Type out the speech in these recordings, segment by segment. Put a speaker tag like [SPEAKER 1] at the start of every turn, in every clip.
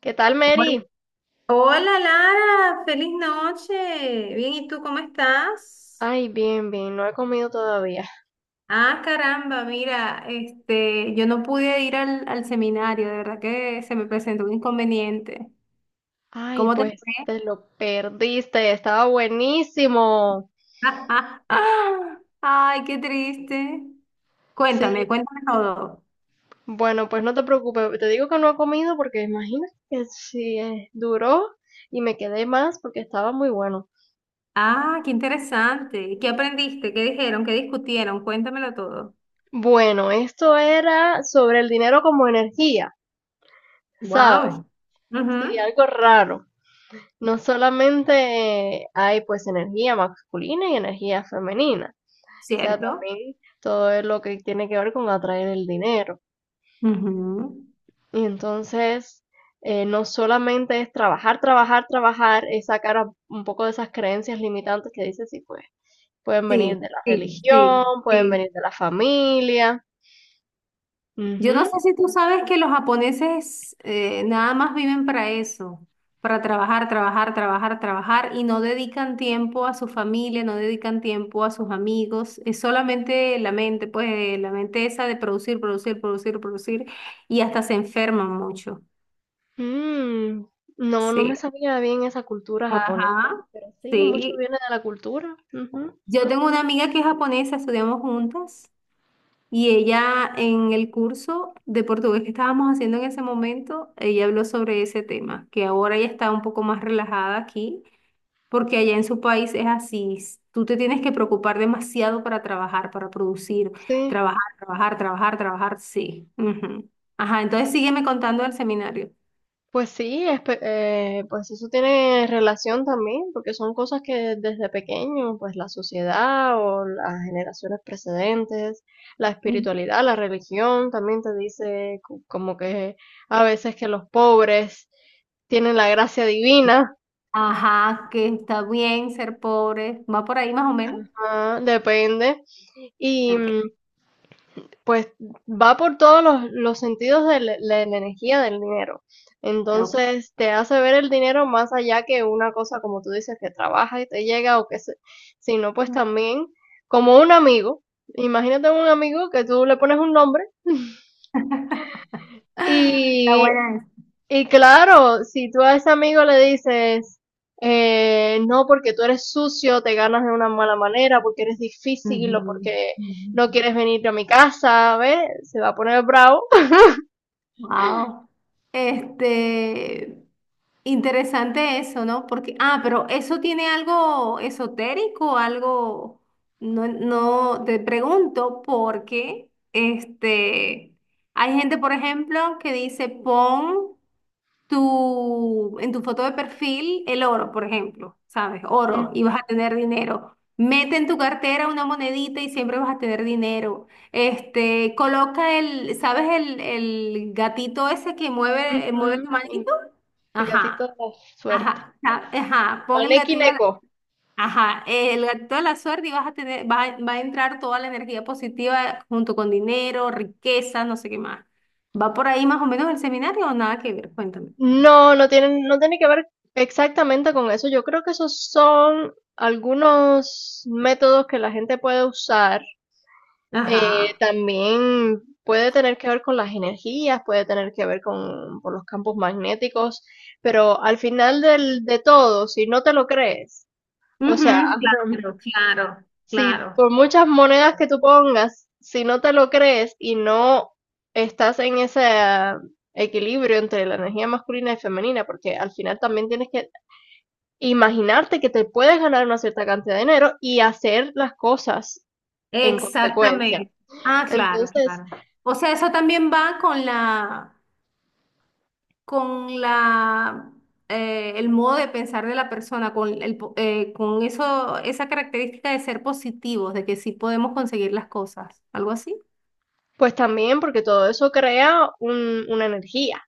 [SPEAKER 1] ¿Qué tal,
[SPEAKER 2] Hola,
[SPEAKER 1] Mary?
[SPEAKER 2] Lara, feliz noche. Bien, ¿y tú cómo estás?
[SPEAKER 1] Ay, bien, bien, no he comido todavía.
[SPEAKER 2] Ah, caramba, mira, yo no pude ir al seminario, de verdad que se me presentó un inconveniente.
[SPEAKER 1] Ay,
[SPEAKER 2] ¿Cómo te
[SPEAKER 1] pues
[SPEAKER 2] fue?
[SPEAKER 1] te lo perdiste, estaba buenísimo.
[SPEAKER 2] Ay, qué triste.
[SPEAKER 1] Sí,
[SPEAKER 2] Cuéntame todo.
[SPEAKER 1] bueno, pues no te preocupes, te digo que no he comido porque imagínate, que si duró y me quedé más porque estaba muy bueno.
[SPEAKER 2] Ah, qué interesante. ¿Qué aprendiste? ¿Qué dijeron? ¿Qué discutieron? Cuéntamelo todo.
[SPEAKER 1] Bueno, esto era sobre el dinero como energía, ¿sabes?
[SPEAKER 2] Wow.
[SPEAKER 1] Sí,
[SPEAKER 2] Ujú.
[SPEAKER 1] algo raro. No solamente hay pues energía masculina y energía femenina. O sea,
[SPEAKER 2] ¿Cierto?
[SPEAKER 1] también todo es lo que tiene que ver con atraer el dinero.
[SPEAKER 2] Ujú.
[SPEAKER 1] Y entonces, no solamente es trabajar, trabajar, trabajar, es sacar un poco de esas creencias limitantes que dices, sí, pues, pueden venir
[SPEAKER 2] Sí,
[SPEAKER 1] de la
[SPEAKER 2] sí,
[SPEAKER 1] religión,
[SPEAKER 2] sí,
[SPEAKER 1] pueden
[SPEAKER 2] sí.
[SPEAKER 1] venir de la familia.
[SPEAKER 2] Yo no sé
[SPEAKER 1] Ujú.
[SPEAKER 2] si tú sabes que los japoneses nada más viven para eso, para trabajar, trabajar, trabajar, trabajar y no dedican tiempo a su familia, no dedican tiempo a sus amigos, es solamente la mente, pues la mente esa de producir, producir, producir, producir y hasta se enferman mucho.
[SPEAKER 1] Mm, no, no me
[SPEAKER 2] Sí,
[SPEAKER 1] sabía bien esa cultura japonesa,
[SPEAKER 2] ajá,
[SPEAKER 1] pero sí, mucho
[SPEAKER 2] sí.
[SPEAKER 1] viene de la cultura. Ujú.
[SPEAKER 2] Yo tengo una amiga que es japonesa, estudiamos juntas. Y ella en el curso de portugués que estábamos haciendo en ese momento, ella habló sobre ese tema, que ahora ella está un poco más relajada aquí, porque allá en su país es así, tú te tienes que preocupar demasiado para trabajar, para producir,
[SPEAKER 1] Sí.
[SPEAKER 2] trabajar, trabajar, trabajar, trabajar, sí. Ujú. Ajá, entonces sígueme contando del seminario.
[SPEAKER 1] Pues sí, pues eso tiene relación también, porque son cosas que desde pequeño, pues la sociedad o las generaciones precedentes, la
[SPEAKER 2] Mm.
[SPEAKER 1] espiritualidad, la religión, también te dice como que a veces que los pobres tienen la gracia divina,
[SPEAKER 2] Ajá, que está bien ser pobre, va por ahí más o menos.
[SPEAKER 1] ah, depende, y,
[SPEAKER 2] Ok,
[SPEAKER 1] mm, pues va por todos los sentidos de la energía del dinero.
[SPEAKER 2] ok.
[SPEAKER 1] Entonces te hace ver el dinero más allá que una cosa, como tú dices, que trabaja y te llega o que se, sino pues también como un amigo. Imagínate un amigo que tú le pones un nombre
[SPEAKER 2] Está
[SPEAKER 1] y,
[SPEAKER 2] buena esa.
[SPEAKER 1] y claro, si tú a ese amigo le dices, no, porque tú eres sucio, te ganas de una mala manera, porque eres difícil o
[SPEAKER 2] Ujú,
[SPEAKER 1] porque
[SPEAKER 2] ujú.
[SPEAKER 1] no quieres venir a mi casa, ¿ves? Se va a poner bravo.
[SPEAKER 2] Wow. Este, interesante eso, ¿no? Porque, ah, pero eso tiene algo esotérico, algo, no, no, te pregunto porque, hay gente, por ejemplo, que dice pon en tu foto de perfil el oro, por ejemplo, ¿sabes? Oro y vas a tener dinero. Mete en tu cartera una monedita y siempre vas a tener dinero. Este, coloca el, ¿sabes? El gatito ese que mueve, mueve la
[SPEAKER 1] Ujú, y
[SPEAKER 2] manito.
[SPEAKER 1] el gatito
[SPEAKER 2] Ajá,
[SPEAKER 1] de la suerte.
[SPEAKER 2] ajá, ajá. Pon el
[SPEAKER 1] Maneki
[SPEAKER 2] gatito a
[SPEAKER 1] Neko.
[SPEAKER 2] la, ajá, el gatito a la suerte y vas a tener, va, va a entrar toda la energía positiva junto con dinero, riqueza, no sé qué más. ¿Va por ahí más o menos el seminario o nada que ver? Cuéntame.
[SPEAKER 1] No, no tienen, no tiene que ver exactamente con eso. Yo creo que esos son algunos métodos que la gente puede usar.
[SPEAKER 2] Ajá.
[SPEAKER 1] También puede tener que ver con las energías, puede tener que ver con los campos magnéticos, pero al final de todo, si no te lo crees, o sea,
[SPEAKER 2] Ujú, claro, claro,
[SPEAKER 1] si
[SPEAKER 2] claro.
[SPEAKER 1] por muchas monedas que tú pongas, si no te lo crees y no estás en ese equilibrio entre la energía masculina y femenina, porque al final también tienes que imaginarte que te puedes ganar una cierta cantidad de dinero y hacer las cosas en consecuencia.
[SPEAKER 2] Exactamente. Ah, claro,
[SPEAKER 1] Entonces,
[SPEAKER 2] claro. O sea, eso también va con la, el modo de pensar de la persona, con el, con eso, esa característica de ser positivos, de que sí podemos conseguir las cosas, algo así.
[SPEAKER 1] pues también porque todo eso crea una energía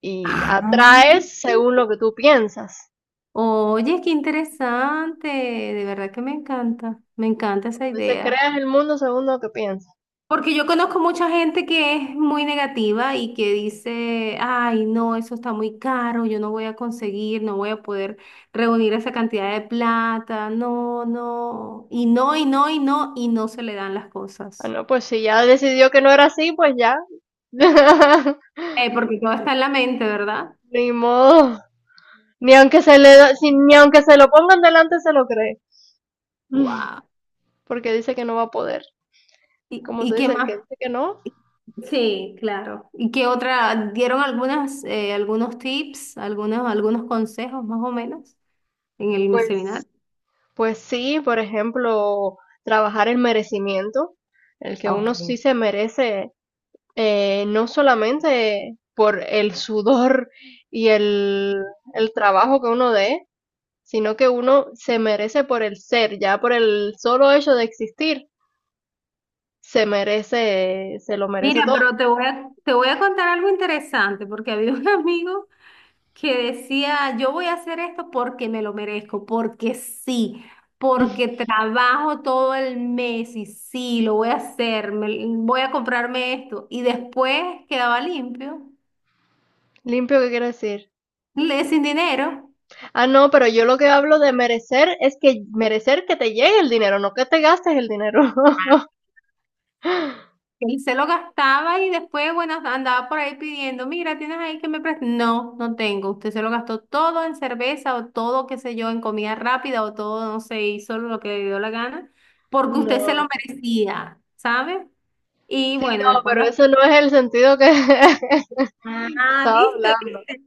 [SPEAKER 1] y
[SPEAKER 2] Ah.
[SPEAKER 1] atraes según lo que tú piensas.
[SPEAKER 2] Oye, qué interesante, de verdad que me encanta esa
[SPEAKER 1] Como dices,
[SPEAKER 2] idea.
[SPEAKER 1] creas el mundo según lo que piensas.
[SPEAKER 2] Porque yo conozco mucha gente que es muy negativa y que dice, ay, no, eso está muy caro, yo no voy a conseguir, no voy a poder reunir esa cantidad de plata, no, no, y no, y no, y no, y no se le dan las
[SPEAKER 1] Ah,
[SPEAKER 2] cosas.
[SPEAKER 1] no, pues si ya decidió que no era así, pues ya.
[SPEAKER 2] Porque todo está en la mente, ¿verdad?
[SPEAKER 1] Ni modo. Ni aunque se le da- si- ni aunque se lo pongan delante se lo cree.
[SPEAKER 2] Wow.
[SPEAKER 1] Porque dice que no va a poder. Como
[SPEAKER 2] Y
[SPEAKER 1] se
[SPEAKER 2] qué
[SPEAKER 1] dice, el
[SPEAKER 2] más?
[SPEAKER 1] que dice que no,
[SPEAKER 2] Sí, claro. ¿Y qué otra? ¿Dieron algunas, algunos tips, algunos, algunos consejos más o menos en el
[SPEAKER 1] pues,
[SPEAKER 2] seminario?
[SPEAKER 1] pues sí, por ejemplo, trabajar el merecimiento, el que
[SPEAKER 2] Ok.
[SPEAKER 1] uno sí se merece, no solamente por el sudor y el trabajo que uno dé, sino que uno se merece por el ser, ya por el solo hecho de existir, se merece, se lo merece
[SPEAKER 2] Mira,
[SPEAKER 1] todo.
[SPEAKER 2] pero te voy a contar algo interesante, porque había un amigo que decía, yo voy a hacer esto porque me lo merezco, porque sí, porque trabajo todo el mes y sí, lo voy a hacer, voy a comprarme esto. Y después quedaba limpio,
[SPEAKER 1] Limpio, ¿qué quiere decir?
[SPEAKER 2] sin dinero.
[SPEAKER 1] Ah, no, pero yo lo que hablo de merecer es que merecer que te llegue el dinero, no que te gastes el dinero.
[SPEAKER 2] Él se lo gastaba y después, bueno, andaba por ahí pidiendo, mira, ¿tienes ahí que me prestes? No, no tengo. Usted se lo gastó todo en cerveza o todo, qué sé yo, en comida rápida o todo, no sé, hizo lo que le dio la gana, porque usted se lo
[SPEAKER 1] No,
[SPEAKER 2] merecía, ¿sabe? Y
[SPEAKER 1] sí,
[SPEAKER 2] bueno,
[SPEAKER 1] no,
[SPEAKER 2] después
[SPEAKER 1] pero
[SPEAKER 2] anda...
[SPEAKER 1] eso no es el sentido que
[SPEAKER 2] Ah,
[SPEAKER 1] estaba
[SPEAKER 2] ¿viste?
[SPEAKER 1] hablando.
[SPEAKER 2] ¿Viste?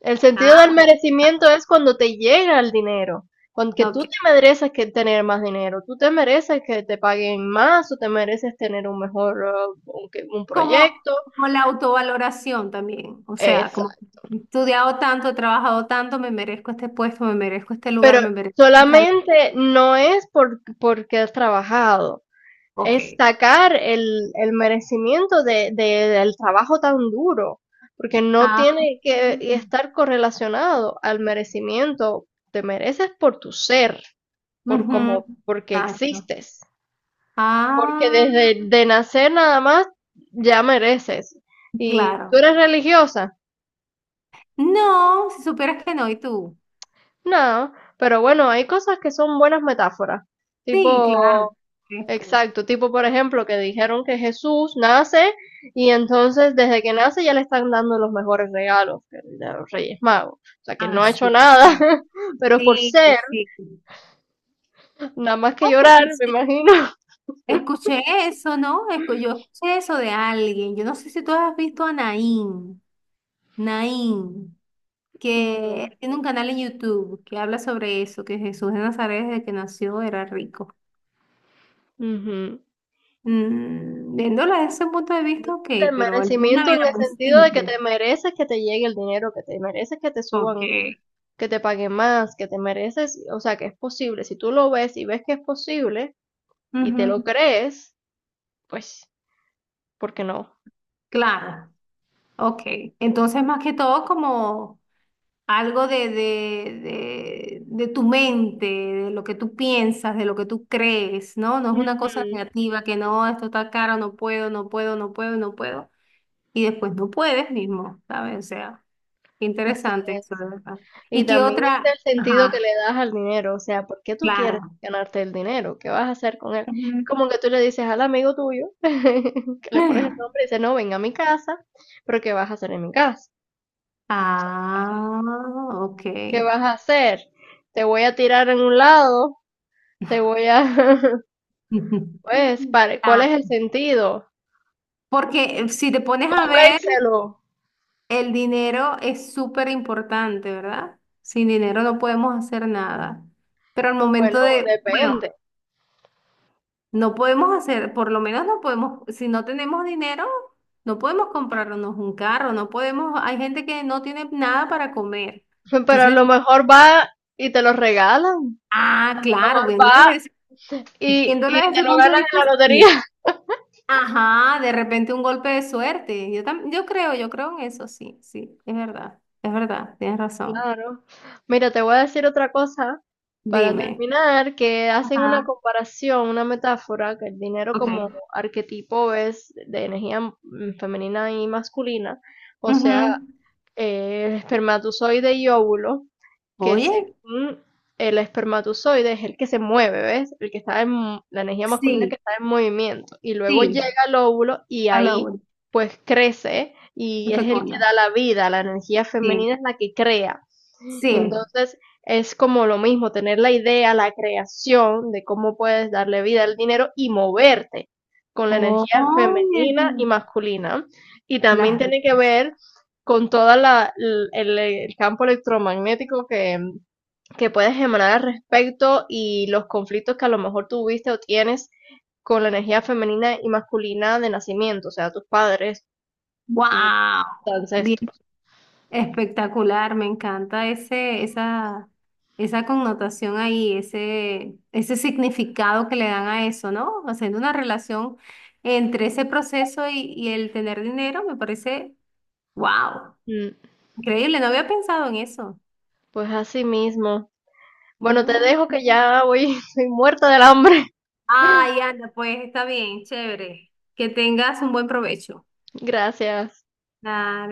[SPEAKER 1] El sentido del
[SPEAKER 2] Ah,
[SPEAKER 1] merecimiento es cuando te llega el dinero, cuando que
[SPEAKER 2] bueno, ok.
[SPEAKER 1] tú te mereces que tener más dinero, tú te mereces que te paguen más o te mereces tener un mejor un
[SPEAKER 2] Como,
[SPEAKER 1] proyecto,
[SPEAKER 2] como la autovaloración también, o sea, como
[SPEAKER 1] exacto.
[SPEAKER 2] he estudiado tanto, he trabajado tanto, me merezco este puesto, me merezco este
[SPEAKER 1] Pero
[SPEAKER 2] lugar, me merezco esta...
[SPEAKER 1] solamente no es porque has trabajado. Es
[SPEAKER 2] Ok.
[SPEAKER 1] sacar el merecimiento del trabajo tan duro, porque no
[SPEAKER 2] Ah.
[SPEAKER 1] tiene que
[SPEAKER 2] Mm.
[SPEAKER 1] estar correlacionado al merecimiento. Te mereces por tu ser, por
[SPEAKER 2] Ujú.
[SPEAKER 1] como, porque
[SPEAKER 2] Exacto.
[SPEAKER 1] existes, porque
[SPEAKER 2] Ah,
[SPEAKER 1] desde de nacer nada más ya mereces. ¿Y tú
[SPEAKER 2] claro.
[SPEAKER 1] eres religiosa?
[SPEAKER 2] No, si supieras que no, ¿y tú?
[SPEAKER 1] No, pero bueno, hay cosas que son buenas metáforas,
[SPEAKER 2] Sí, claro.
[SPEAKER 1] tipo.
[SPEAKER 2] Esto.
[SPEAKER 1] Exacto, tipo, por ejemplo, que dijeron que Jesús nace y entonces desde que nace ya le están dando los mejores regalos de los Reyes Magos. O sea que no
[SPEAKER 2] Ah,
[SPEAKER 1] ha hecho
[SPEAKER 2] sí.
[SPEAKER 1] nada, pero por
[SPEAKER 2] Sí,
[SPEAKER 1] ser,
[SPEAKER 2] sí, sí.
[SPEAKER 1] nada más que
[SPEAKER 2] Oye,
[SPEAKER 1] llorar, me
[SPEAKER 2] escuché,
[SPEAKER 1] imagino.
[SPEAKER 2] escuché eso, ¿no? Yo escuché eso de alguien. Yo no sé si tú has visto a Naín. Naín,
[SPEAKER 1] No.
[SPEAKER 2] que tiene un canal en YouTube que habla sobre eso, que Jesús de Nazaret desde que nació era rico.
[SPEAKER 1] Ujú.
[SPEAKER 2] Mm, viéndolo desde ese punto de vista, ok,
[SPEAKER 1] El
[SPEAKER 2] pero él tuvo una
[SPEAKER 1] merecimiento en
[SPEAKER 2] vida
[SPEAKER 1] el
[SPEAKER 2] muy
[SPEAKER 1] sentido de que
[SPEAKER 2] simple.
[SPEAKER 1] te mereces que te llegue el dinero, que te mereces que te
[SPEAKER 2] Ok,
[SPEAKER 1] suban, que te paguen más, que te mereces, o sea que es posible. Si tú lo ves y ves que es posible y te lo
[SPEAKER 2] ujú.
[SPEAKER 1] crees, pues, ¿por qué no?
[SPEAKER 2] Claro, ok. Entonces, más que todo, como algo de tu mente, de lo que tú piensas, de lo que tú crees, ¿no? No es una cosa
[SPEAKER 1] Ujú.
[SPEAKER 2] negativa que no, esto está caro, no puedo, no puedo, no puedo, no puedo. Y después no puedes mismo, ¿sabes? O sea, qué
[SPEAKER 1] Así
[SPEAKER 2] interesante
[SPEAKER 1] es.
[SPEAKER 2] eso, de verdad.
[SPEAKER 1] Y
[SPEAKER 2] ¿Y qué
[SPEAKER 1] también está
[SPEAKER 2] otra?
[SPEAKER 1] el sentido que
[SPEAKER 2] Ajá,
[SPEAKER 1] le das al dinero, o sea, ¿por qué tú quieres
[SPEAKER 2] claro.
[SPEAKER 1] ganarte el dinero? ¿Qué vas a hacer con él?
[SPEAKER 2] Ujú.
[SPEAKER 1] Como que tú le dices al amigo tuyo, que le pones el nombre y dice, no, ven a mi casa, pero ¿qué vas a hacer en mi casa?
[SPEAKER 2] Ah, ok.
[SPEAKER 1] ¿Qué vas a hacer? ¿Te voy a tirar en un lado? ¿Te voy a...? Pues, ¿cuál es el
[SPEAKER 2] Claro.
[SPEAKER 1] sentido?
[SPEAKER 2] Porque si te pones a ver,
[SPEAKER 1] Pénselo.
[SPEAKER 2] el dinero es súper importante, ¿verdad? Sin dinero no podemos hacer nada. Pero al
[SPEAKER 1] Bueno,
[SPEAKER 2] momento de, bueno,
[SPEAKER 1] depende.
[SPEAKER 2] no podemos hacer, por lo menos no podemos, si no tenemos dinero, no podemos comprarnos un carro, no podemos, hay gente que no tiene nada para comer.
[SPEAKER 1] Pero a
[SPEAKER 2] Entonces,
[SPEAKER 1] lo mejor va y te lo regalan,
[SPEAKER 2] ah, claro,
[SPEAKER 1] va
[SPEAKER 2] viéndolo
[SPEAKER 1] y
[SPEAKER 2] desde
[SPEAKER 1] te
[SPEAKER 2] ese
[SPEAKER 1] lo
[SPEAKER 2] punto de
[SPEAKER 1] ganas
[SPEAKER 2] vista,
[SPEAKER 1] en la
[SPEAKER 2] sí.
[SPEAKER 1] lotería.
[SPEAKER 2] Ajá, de repente un golpe de suerte. Yo creo en eso, sí, sí, es verdad, tienes razón.
[SPEAKER 1] Claro. Mira, te voy a decir otra cosa para
[SPEAKER 2] Dime.
[SPEAKER 1] terminar, que hacen una
[SPEAKER 2] Ajá,
[SPEAKER 1] comparación, una metáfora, que el dinero como
[SPEAKER 2] ok.
[SPEAKER 1] arquetipo es de energía femenina y masculina, o sea,
[SPEAKER 2] Ujú.
[SPEAKER 1] el espermatozoide y óvulo, que
[SPEAKER 2] Oye,
[SPEAKER 1] según el espermatozoide es el que se mueve, ¿ves? El que está en la energía masculina que
[SPEAKER 2] sí,
[SPEAKER 1] está en movimiento, y luego llega
[SPEAKER 2] sí.
[SPEAKER 1] el óvulo y
[SPEAKER 2] Habla
[SPEAKER 1] ahí
[SPEAKER 2] uno.
[SPEAKER 1] pues crece y
[SPEAKER 2] De
[SPEAKER 1] es el que
[SPEAKER 2] fecunda.
[SPEAKER 1] da la vida, la energía
[SPEAKER 2] Sí,
[SPEAKER 1] femenina es la que crea.
[SPEAKER 2] sí.
[SPEAKER 1] Entonces, es como lo mismo, tener la idea, la creación de cómo puedes darle vida al dinero y moverte con la energía
[SPEAKER 2] Oye,
[SPEAKER 1] femenina y masculina. Y también
[SPEAKER 2] las dos.
[SPEAKER 1] tiene que ver con todo el campo electromagnético que puedes emanar al respecto y los conflictos que a lo mejor tuviste o tienes con la energía femenina y masculina de nacimiento, o sea, tus padres y tus
[SPEAKER 2] Wow. Bien.
[SPEAKER 1] ancestros.
[SPEAKER 2] Espectacular. Me encanta ese, esa connotación ahí, ese significado que le dan a eso, ¿no? Haciendo una relación entre ese proceso y el tener dinero me parece, wow.
[SPEAKER 1] Mm.
[SPEAKER 2] Increíble. No había pensado en eso.
[SPEAKER 1] Pues así mismo. Bueno, te
[SPEAKER 2] Ay,
[SPEAKER 1] dejo que
[SPEAKER 2] mira.
[SPEAKER 1] ya voy, soy muerta del hambre.
[SPEAKER 2] Ay, Ana, pues está bien, chévere. Que tengas un buen provecho.
[SPEAKER 1] Gracias.
[SPEAKER 2] Dale.